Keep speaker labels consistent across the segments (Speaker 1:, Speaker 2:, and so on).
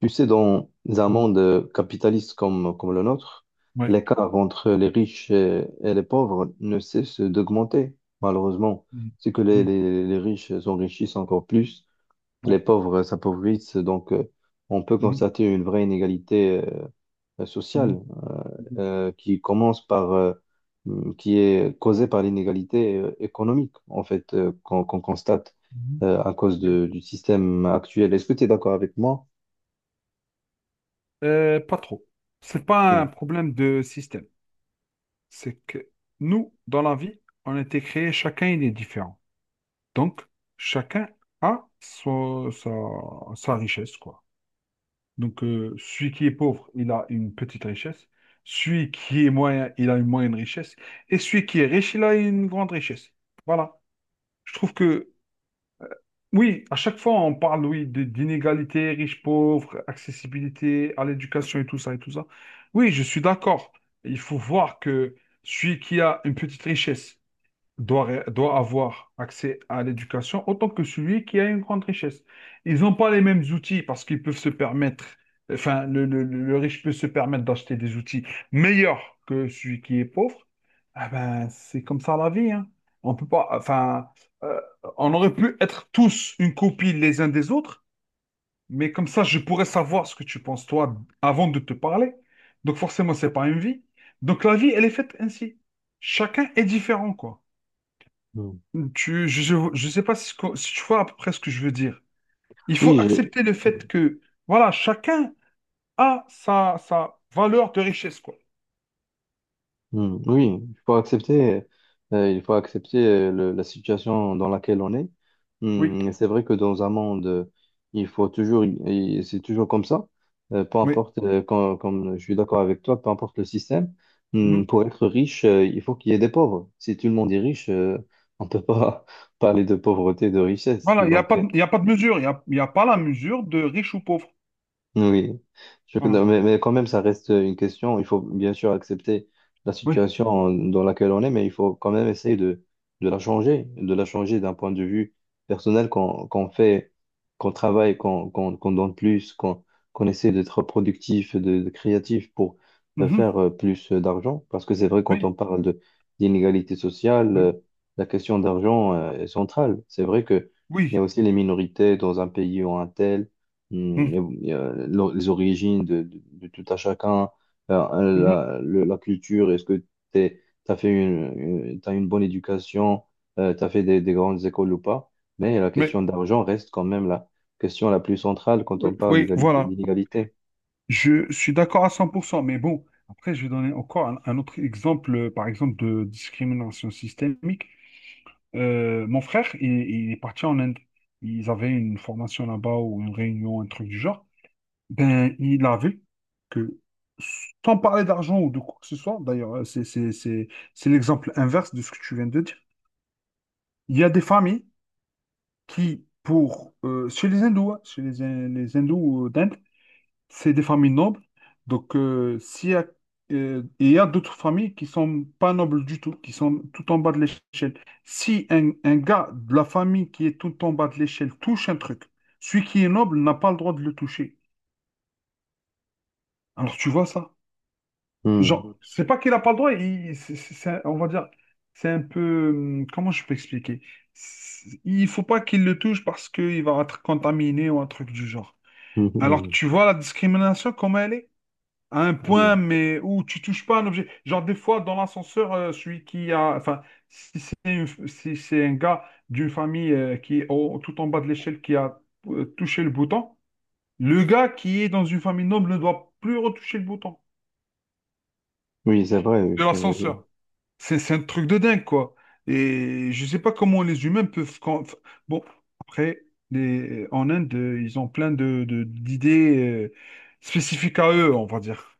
Speaker 1: Tu sais, dans un
Speaker 2: Mm.
Speaker 1: monde capitaliste comme le nôtre,
Speaker 2: Ouais.
Speaker 1: l'écart entre les riches et les pauvres ne cesse d'augmenter, malheureusement.
Speaker 2: Mm.
Speaker 1: C'est que
Speaker 2: Mm.
Speaker 1: les riches s'enrichissent encore plus,
Speaker 2: Ouais.
Speaker 1: les pauvres s'appauvrissent, donc on peut
Speaker 2: Mhm.
Speaker 1: constater une vraie inégalité sociale
Speaker 2: Mhm. Mhm.
Speaker 1: qui commence qui est causée par l'inégalité économique, en fait, qu'on constate
Speaker 2: Mhm.
Speaker 1: à cause
Speaker 2: Yeah.
Speaker 1: du système actuel. Est-ce que tu es d'accord avec moi?
Speaker 2: Pas trop. C'est pas un problème de système. C'est que nous, dans la vie, on a été créés, chacun il est différent. Donc, chacun a sa richesse, quoi. Donc, celui qui est pauvre, il a une petite richesse. Celui qui est moyen, il a une moyenne richesse. Et celui qui est riche, il a une grande richesse. Voilà. Je trouve que Oui, à chaque fois, on parle, oui, d'inégalité, riches-pauvres, accessibilité à l'éducation et tout ça et tout ça. Oui, je suis d'accord. Il faut voir que celui qui a une petite richesse, doit avoir accès à l'éducation autant que celui qui a une grande richesse. Ils n'ont pas les mêmes outils parce qu'ils peuvent se permettre, enfin, le riche peut se permettre d'acheter des outils meilleurs que celui qui est pauvre. Ah ben, c'est comme ça la vie, hein. On peut pas, enfin, euh, on aurait pu être tous une copie les uns des autres, mais comme ça, je pourrais savoir ce que tu penses, toi, avant de te parler. Donc forcément, c'est pas une vie. Donc la vie, elle est faite ainsi. Chacun est différent, quoi.
Speaker 1: Hmm.
Speaker 2: Je ne sais pas si, ce que- si tu vois à peu près ce que je veux dire. Il faut
Speaker 1: Oui, j'ai-
Speaker 2: accepter le
Speaker 1: Hmm,
Speaker 2: fait que, voilà, chacun a sa valeur de richesse, quoi.
Speaker 1: hmm, oui, il faut accepter la situation dans laquelle on est.
Speaker 2: Oui,
Speaker 1: Et c'est vrai que dans un monde, il faut toujours, et c'est toujours comme ça. Peu
Speaker 2: oui.
Speaker 1: importe, comme je suis d'accord avec toi, peu importe le système,
Speaker 2: Mm.
Speaker 1: pour être riche, il faut qu'il y ait des pauvres. Si tout le monde est riche, on ne peut pas parler de pauvreté, de richesse.
Speaker 2: Voilà, il n'y a
Speaker 1: Donc,
Speaker 2: pas de, il y a pas de mesure. Il n'y a, il y a pas la mesure de riche ou pauvre.
Speaker 1: oui. Non,
Speaker 2: Voilà.
Speaker 1: mais, quand même, ça reste une question. Il faut bien sûr accepter la
Speaker 2: Oui.
Speaker 1: situation dans laquelle on est, mais il faut quand même essayer de, de la changer d'un point de vue personnel, qu'on fait, qu'on travaille, qu'on donne plus, qu'on essaie d'être productif, de créatif pour faire
Speaker 2: Mhm.
Speaker 1: plus d'argent. Parce que c'est vrai, quand
Speaker 2: Oui.
Speaker 1: on parle de d'inégalité sociale,
Speaker 2: Oui.
Speaker 1: la question d'argent est centrale. C'est vrai que il y a
Speaker 2: Oui.
Speaker 1: aussi les minorités dans un pays ou un tel.
Speaker 2: Mm.
Speaker 1: Mm, et, les origines de, de tout à chacun,
Speaker 2: Mhm.
Speaker 1: la culture, est-ce que tu as fait t'as une bonne éducation, tu as fait des grandes écoles ou pas, mais la
Speaker 2: Oui.
Speaker 1: question d'argent reste quand même la question la plus centrale quand on
Speaker 2: Oui.
Speaker 1: parle
Speaker 2: Oui.
Speaker 1: d'égalité,
Speaker 2: Voilà.
Speaker 1: d'inégalité.
Speaker 2: Je suis d'accord à 100%. Mais bon, après, je vais donner encore un autre exemple, par exemple, de discrimination systémique. Mon frère, il est parti en Inde. Ils avaient une formation là-bas ou une réunion, un truc du genre. Ben, il a vu que, sans parler d'argent ou de quoi que ce soit, d'ailleurs, c'est l'exemple inverse de ce que tu viens de dire. Il y a des familles chez les hindous, hein, chez les hindous d'Inde, c'est des familles nobles. Donc, il y a d'autres familles qui sont pas nobles du tout, qui sont tout en bas de l'échelle. Si un gars de la famille qui est tout en bas de l'échelle touche un truc, celui qui est noble n'a pas le droit de le toucher. Alors, tu vois ça?
Speaker 1: Mm,
Speaker 2: Genre, c'est pas qu'il n'a pas le droit, on va dire, c'est un peu. Comment je peux expliquer? Il faut pas qu'il le touche parce qu'il va être contaminé ou un truc du genre.
Speaker 1: mm, mm,
Speaker 2: Alors,
Speaker 1: mm.
Speaker 2: tu vois la discrimination, comment elle est? À un point, mais où tu touches pas un objet. Genre, des fois, dans l'ascenseur, celui qui a. Enfin, si c'est un gars d'une famille, qui est tout en bas de l'échelle qui a touché le bouton, le gars qui est dans une famille noble ne doit plus retoucher le bouton
Speaker 1: Oui, c'est vrai,
Speaker 2: de
Speaker 1: je, je-
Speaker 2: l'ascenseur. C'est un truc de dingue, quoi. Et je sais pas comment les humains peuvent. Bon, après, en Inde, ils ont plein d'idées, spécifiques à eux, on va dire.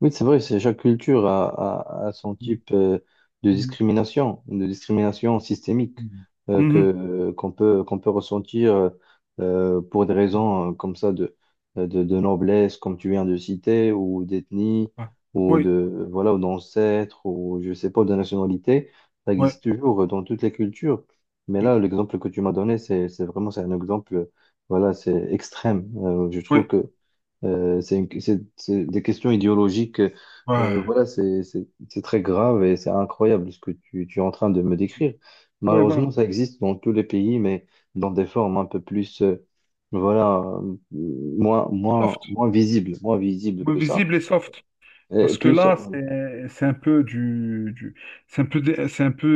Speaker 1: Oui, c'est vrai, c'est chaque culture a, a son
Speaker 2: Mm,
Speaker 1: type
Speaker 2: mm,
Speaker 1: de discrimination systémique
Speaker 2: mm.
Speaker 1: que
Speaker 2: Mhm.
Speaker 1: qu'on peut ressentir pour des raisons comme ça de noblesse, comme tu viens de citer, ou d'ethnie,
Speaker 2: Ouais.
Speaker 1: ou
Speaker 2: Oui,
Speaker 1: de voilà, ou d'ancêtre, ou je sais pas, de nationalité. Ça
Speaker 2: ouais,
Speaker 1: existe toujours dans toutes les cultures. Mais
Speaker 2: oui,
Speaker 1: là, l'exemple que tu m'as donné, c'est vraiment c'est un exemple, voilà, c'est extrême. Je trouve
Speaker 2: oui,
Speaker 1: que c'est des questions idéologiques.
Speaker 2: ouais.
Speaker 1: Voilà, c'est très grave et c'est incroyable ce que tu es en train de me décrire.
Speaker 2: Oui,
Speaker 1: Malheureusement,
Speaker 2: voilà.
Speaker 1: ça existe dans tous les pays, mais dans des formes un peu plus, voilà,
Speaker 2: Soft.
Speaker 1: moins visibles
Speaker 2: Oui,
Speaker 1: que ça.
Speaker 2: visible et soft.
Speaker 1: Et
Speaker 2: Parce que
Speaker 1: plus,
Speaker 2: là, c'est un peu c'est un peu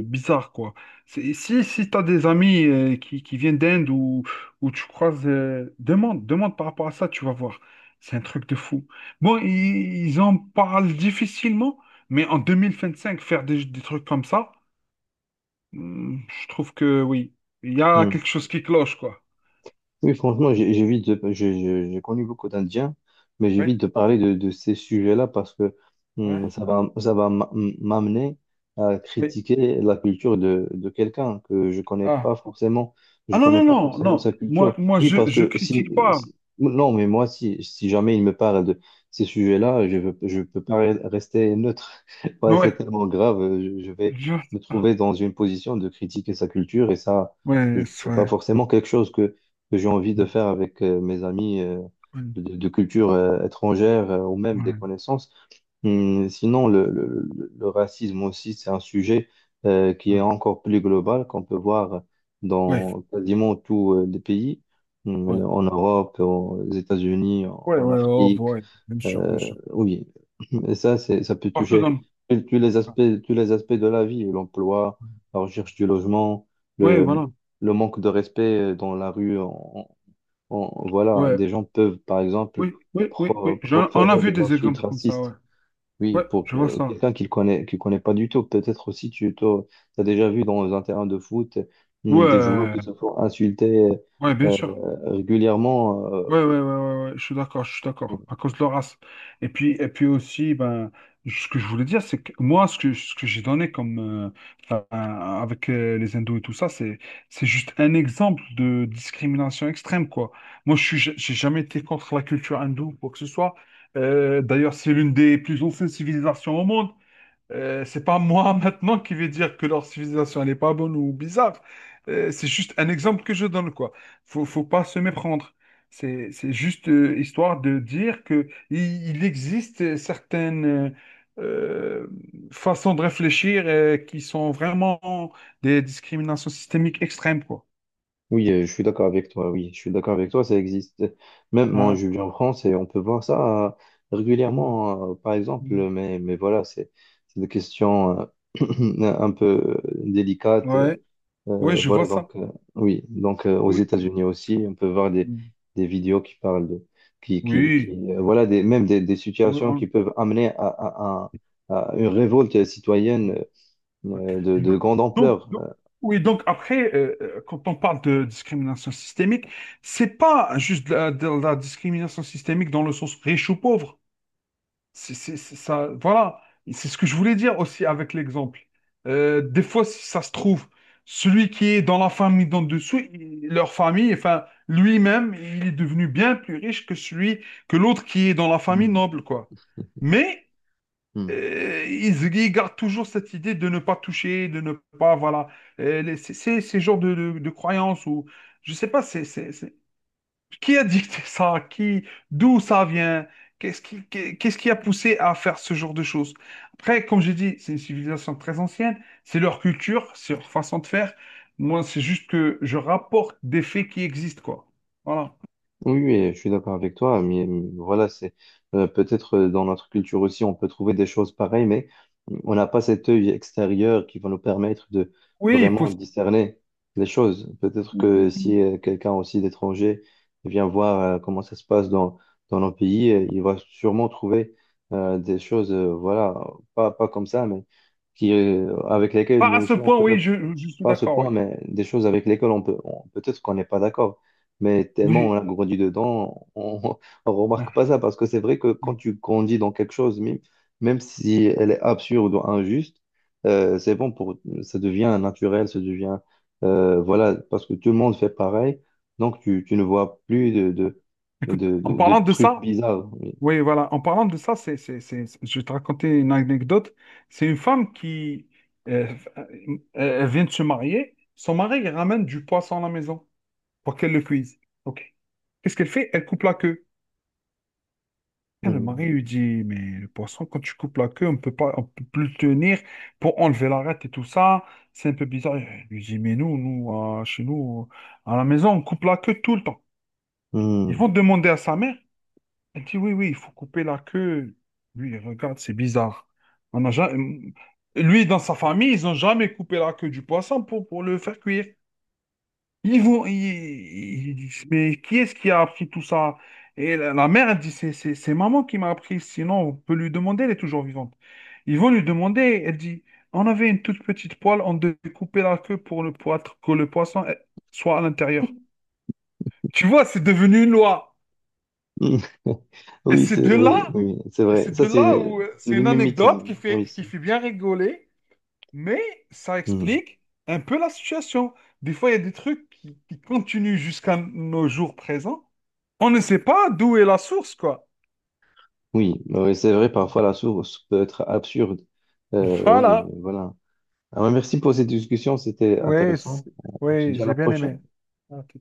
Speaker 2: bizarre, quoi. Si tu as des amis, qui viennent d'Inde ou, tu croises, demande par rapport à ça, tu vas voir. C'est un truc de fou. Bon, ils en parlent difficilement, mais en 2025, faire des trucs comme ça, je trouve que oui, il y a
Speaker 1: hmm.
Speaker 2: quelque chose qui cloche, quoi.
Speaker 1: Oui, franchement, j'évite j'ai connu beaucoup d'Indiens, mais
Speaker 2: Oui,
Speaker 1: j'évite de parler de ces sujets-là parce que
Speaker 2: ouais.
Speaker 1: ça va m'amener à
Speaker 2: Mais,
Speaker 1: critiquer la culture de quelqu'un que je connais
Speaker 2: ah.
Speaker 1: pas forcément.
Speaker 2: Ah
Speaker 1: Je
Speaker 2: non,
Speaker 1: connais
Speaker 2: non,
Speaker 1: pas
Speaker 2: non,
Speaker 1: forcément
Speaker 2: non.
Speaker 1: sa
Speaker 2: Moi,
Speaker 1: culture.
Speaker 2: moi
Speaker 1: Oui,
Speaker 2: je,
Speaker 1: parce
Speaker 2: je
Speaker 1: que
Speaker 2: critique pas.
Speaker 1: non, mais moi, si jamais il me parle de ces sujets-là, je peux pas rester neutre.
Speaker 2: Mais
Speaker 1: Voilà, c'est
Speaker 2: ouais,
Speaker 1: tellement grave. Je vais
Speaker 2: je...
Speaker 1: me trouver dans une position de critiquer sa culture et ça,
Speaker 2: ouais,
Speaker 1: c'est pas
Speaker 2: ouais,
Speaker 1: forcément quelque chose que j'ai envie de faire avec mes amis de culture étrangère ou même des connaissances. Sinon, le racisme aussi, c'est un sujet qui est encore plus global, qu'on peut voir
Speaker 2: ouais, ouais,
Speaker 1: dans quasiment tous les pays. En Europe, aux États-Unis,
Speaker 2: ouais, ouais,
Speaker 1: en
Speaker 2: ouais, ouais, ouais, oh,
Speaker 1: Afrique.
Speaker 2: ouais, bien sûr, bien sûr.
Speaker 1: Oui, et ça, ça peut
Speaker 2: Partout dans
Speaker 1: toucher
Speaker 2: le...
Speaker 1: tous tous les
Speaker 2: ah,
Speaker 1: aspects, tous les aspects de la vie, l'emploi,
Speaker 2: ouais,
Speaker 1: la recherche du logement,
Speaker 2: ouais,
Speaker 1: le,
Speaker 2: voilà.
Speaker 1: le manque de respect dans la rue. Voilà,
Speaker 2: Ouais,
Speaker 1: des gens peuvent, par exemple,
Speaker 2: oui, oui, oui, oui. On a
Speaker 1: proférer
Speaker 2: vu
Speaker 1: des
Speaker 2: des
Speaker 1: insultes
Speaker 2: exemples comme ça, ouais.
Speaker 1: racistes, oui,
Speaker 2: Ouais,
Speaker 1: pour
Speaker 2: je vois ça.
Speaker 1: quelqu'un qui connaît pas du tout. Peut-être aussi tu as déjà vu dans un terrain de foot, des joueurs qui
Speaker 2: Ouais,
Speaker 1: se font insulter
Speaker 2: ouais, bien
Speaker 1: euh,
Speaker 2: sûr.
Speaker 1: régulièrement.
Speaker 2: Ouais, ouais, ouais, ouais, ouais, je suis d'accord, à cause de leur race. Et puis aussi, ben, ce que je voulais dire, c'est que moi, ce que j'ai donné comme, enfin, avec les hindous et tout ça, c'est juste un exemple de discrimination extrême, quoi. Moi, j'ai jamais été contre la culture hindoue, quoi que ce soit. D'ailleurs, c'est l'une des plus anciennes civilisations au monde. C'est pas moi maintenant qui vais dire que leur civilisation elle est pas bonne ou bizarre. C'est juste un exemple que je donne quoi. Faut pas se méprendre. C'est juste, histoire de dire que il existe certaines euh, façons de réfléchir, qui sont vraiment des discriminations systémiques extrêmes quoi.
Speaker 1: Oui, je suis d'accord avec toi, oui, je suis d'accord avec toi, ça existe. Même moi,
Speaker 2: Hein.
Speaker 1: je vis en France et on peut voir ça
Speaker 2: Mm,
Speaker 1: régulièrement, par exemple,
Speaker 2: mm,
Speaker 1: mais, voilà, c'est des questions
Speaker 2: mm.
Speaker 1: un peu délicates.
Speaker 2: Ouais, ouais, je vois
Speaker 1: Voilà,
Speaker 2: ça.
Speaker 1: donc, oui. Donc aux
Speaker 2: Oui.
Speaker 1: États-Unis aussi, on peut voir
Speaker 2: Mm.
Speaker 1: des vidéos qui parlent
Speaker 2: Oui,
Speaker 1: qui voilà, des situations qui
Speaker 2: oui.
Speaker 1: peuvent amener à une révolte
Speaker 2: on-
Speaker 1: citoyenne
Speaker 2: Ouais.
Speaker 1: de
Speaker 2: Do-
Speaker 1: grande
Speaker 2: Donc,
Speaker 1: ampleur.
Speaker 2: donc- oui, donc après, quand on parle de discrimination systémique, c'est pas juste de la discrimination systémique dans le sens riche ou pauvre. C'est ça, voilà. C'est ce que je voulais dire aussi avec l'exemple. Des fois, si ça se trouve, celui qui est dans la famille d'en dessous, leur famille, enfin, lui-même, il est devenu bien plus riche que que l'autre qui est dans la famille
Speaker 1: Euh,
Speaker 2: noble, quoi. Mais
Speaker 1: Mm.
Speaker 2: ils gardent toujours cette idée de ne pas toucher, de ne pas, voilà. C'est ces genres de croyances ou je sais pas, qui a dicté ça, d'où ça vient, qu'est-ce qui a poussé à faire ce genre de choses. Après, comme j'ai dit, c'est une civilisation très ancienne, c'est leur culture, c'est leur façon de faire. Moi, c'est juste que je rapporte des faits qui existent, quoi. Voilà.
Speaker 1: Oui, oui, je suis d'accord avec toi, mais voilà, c'est peut-être dans notre culture aussi, on peut trouver des choses pareilles, mais mmh, on n'a pas cet œil extérieur qui va nous permettre de
Speaker 2: Oui,
Speaker 1: vraiment
Speaker 2: possible.
Speaker 1: discerner les choses. Peut-être que si quelqu'un aussi d'étranger vient voir comment ça se passe dans nos pays, il va sûrement trouver des choses, voilà, pas comme ça, mais qui, avec lesquelles
Speaker 2: Pas
Speaker 1: nous
Speaker 2: à ce
Speaker 1: aussi, on
Speaker 2: point,
Speaker 1: peut ne
Speaker 2: oui, je suis
Speaker 1: pas à ce
Speaker 2: d'accord, oui.
Speaker 1: point, mais des choses avec lesquelles on peut, peut-être qu'on n'est pas d'accord, mais tellement on
Speaker 2: Oui.
Speaker 1: a grandi dedans, on, on remarque
Speaker 2: Ouais.
Speaker 1: pas ça parce que c'est vrai que quand
Speaker 2: Ouais.
Speaker 1: tu grandis dans quelque chose, même si elle est absurde ou injuste, c'est bon pour, ça devient naturel, ça devient, voilà, parce que tout le monde fait pareil, donc tu ne vois plus
Speaker 2: Écoute, en
Speaker 1: de
Speaker 2: parlant de
Speaker 1: trucs
Speaker 2: ça,
Speaker 1: bizarres. Oui.
Speaker 2: oui, voilà. En parlant de ça, je vais te raconter une anecdote. C'est une femme qui euh, elle vient de se marier. Son mari il ramène du poisson à la maison pour qu'elle le cuise. OK. Qu'est-ce qu'elle fait? Elle coupe la queue. Et le
Speaker 1: Hmm.
Speaker 2: mari lui dit, mais le poisson, quand tu coupes la queue, on peut pas, on peut plus le tenir pour enlever l'arête et tout ça. C'est un peu bizarre. Elle lui dit, mais nous, nous, chez nous, à la maison, on coupe la queue tout le temps. Ils
Speaker 1: Hmm.
Speaker 2: vont demander à sa mère. Elle dit, oui, oui, il faut couper la queue. Lui, il regarde, c'est bizarre. On n'a jamais... Lui, dans sa famille, ils n'ont jamais coupé la queue du poisson pour le faire cuire. Ils vont, ils- ils disent, mais qui est-ce qui a appris tout ça? Et la mère, elle dit, c'est maman qui m'a appris, sinon on peut lui demander, elle est toujours vivante. Ils vont lui demander, elle dit, on avait une toute petite poêle, on devait couper la queue pour que le poisson soit à l'intérieur. Tu vois, c'est devenu une loi.
Speaker 1: Hmm.
Speaker 2: Et
Speaker 1: Oui,
Speaker 2: c'est
Speaker 1: c'est
Speaker 2: de
Speaker 1: oui,
Speaker 2: là
Speaker 1: oui, c'est
Speaker 2: Et
Speaker 1: vrai.
Speaker 2: C'est
Speaker 1: Ça,
Speaker 2: de là
Speaker 1: c'est
Speaker 2: où
Speaker 1: c'est
Speaker 2: c'est
Speaker 1: le
Speaker 2: une anecdote
Speaker 1: mimétisme.
Speaker 2: qui fait,
Speaker 1: Oui,
Speaker 2: qui
Speaker 1: c'est.
Speaker 2: fait bien rigoler, mais ça
Speaker 1: Mmh.
Speaker 2: explique un peu la situation. Des fois, il y a des trucs qui continuent jusqu'à nos jours présents. On ne sait pas d'où est la source, quoi.
Speaker 1: Oui, oui, c'est vrai, parfois la source peut être absurde. Oui,
Speaker 2: Voilà.
Speaker 1: mais voilà. Alors, merci pour cette discussion, c'était
Speaker 2: Oui,
Speaker 1: intéressant. On se
Speaker 2: oui,
Speaker 1: dit à
Speaker 2: j'ai
Speaker 1: la
Speaker 2: bien
Speaker 1: prochaine.
Speaker 2: aimé. Ah, tout.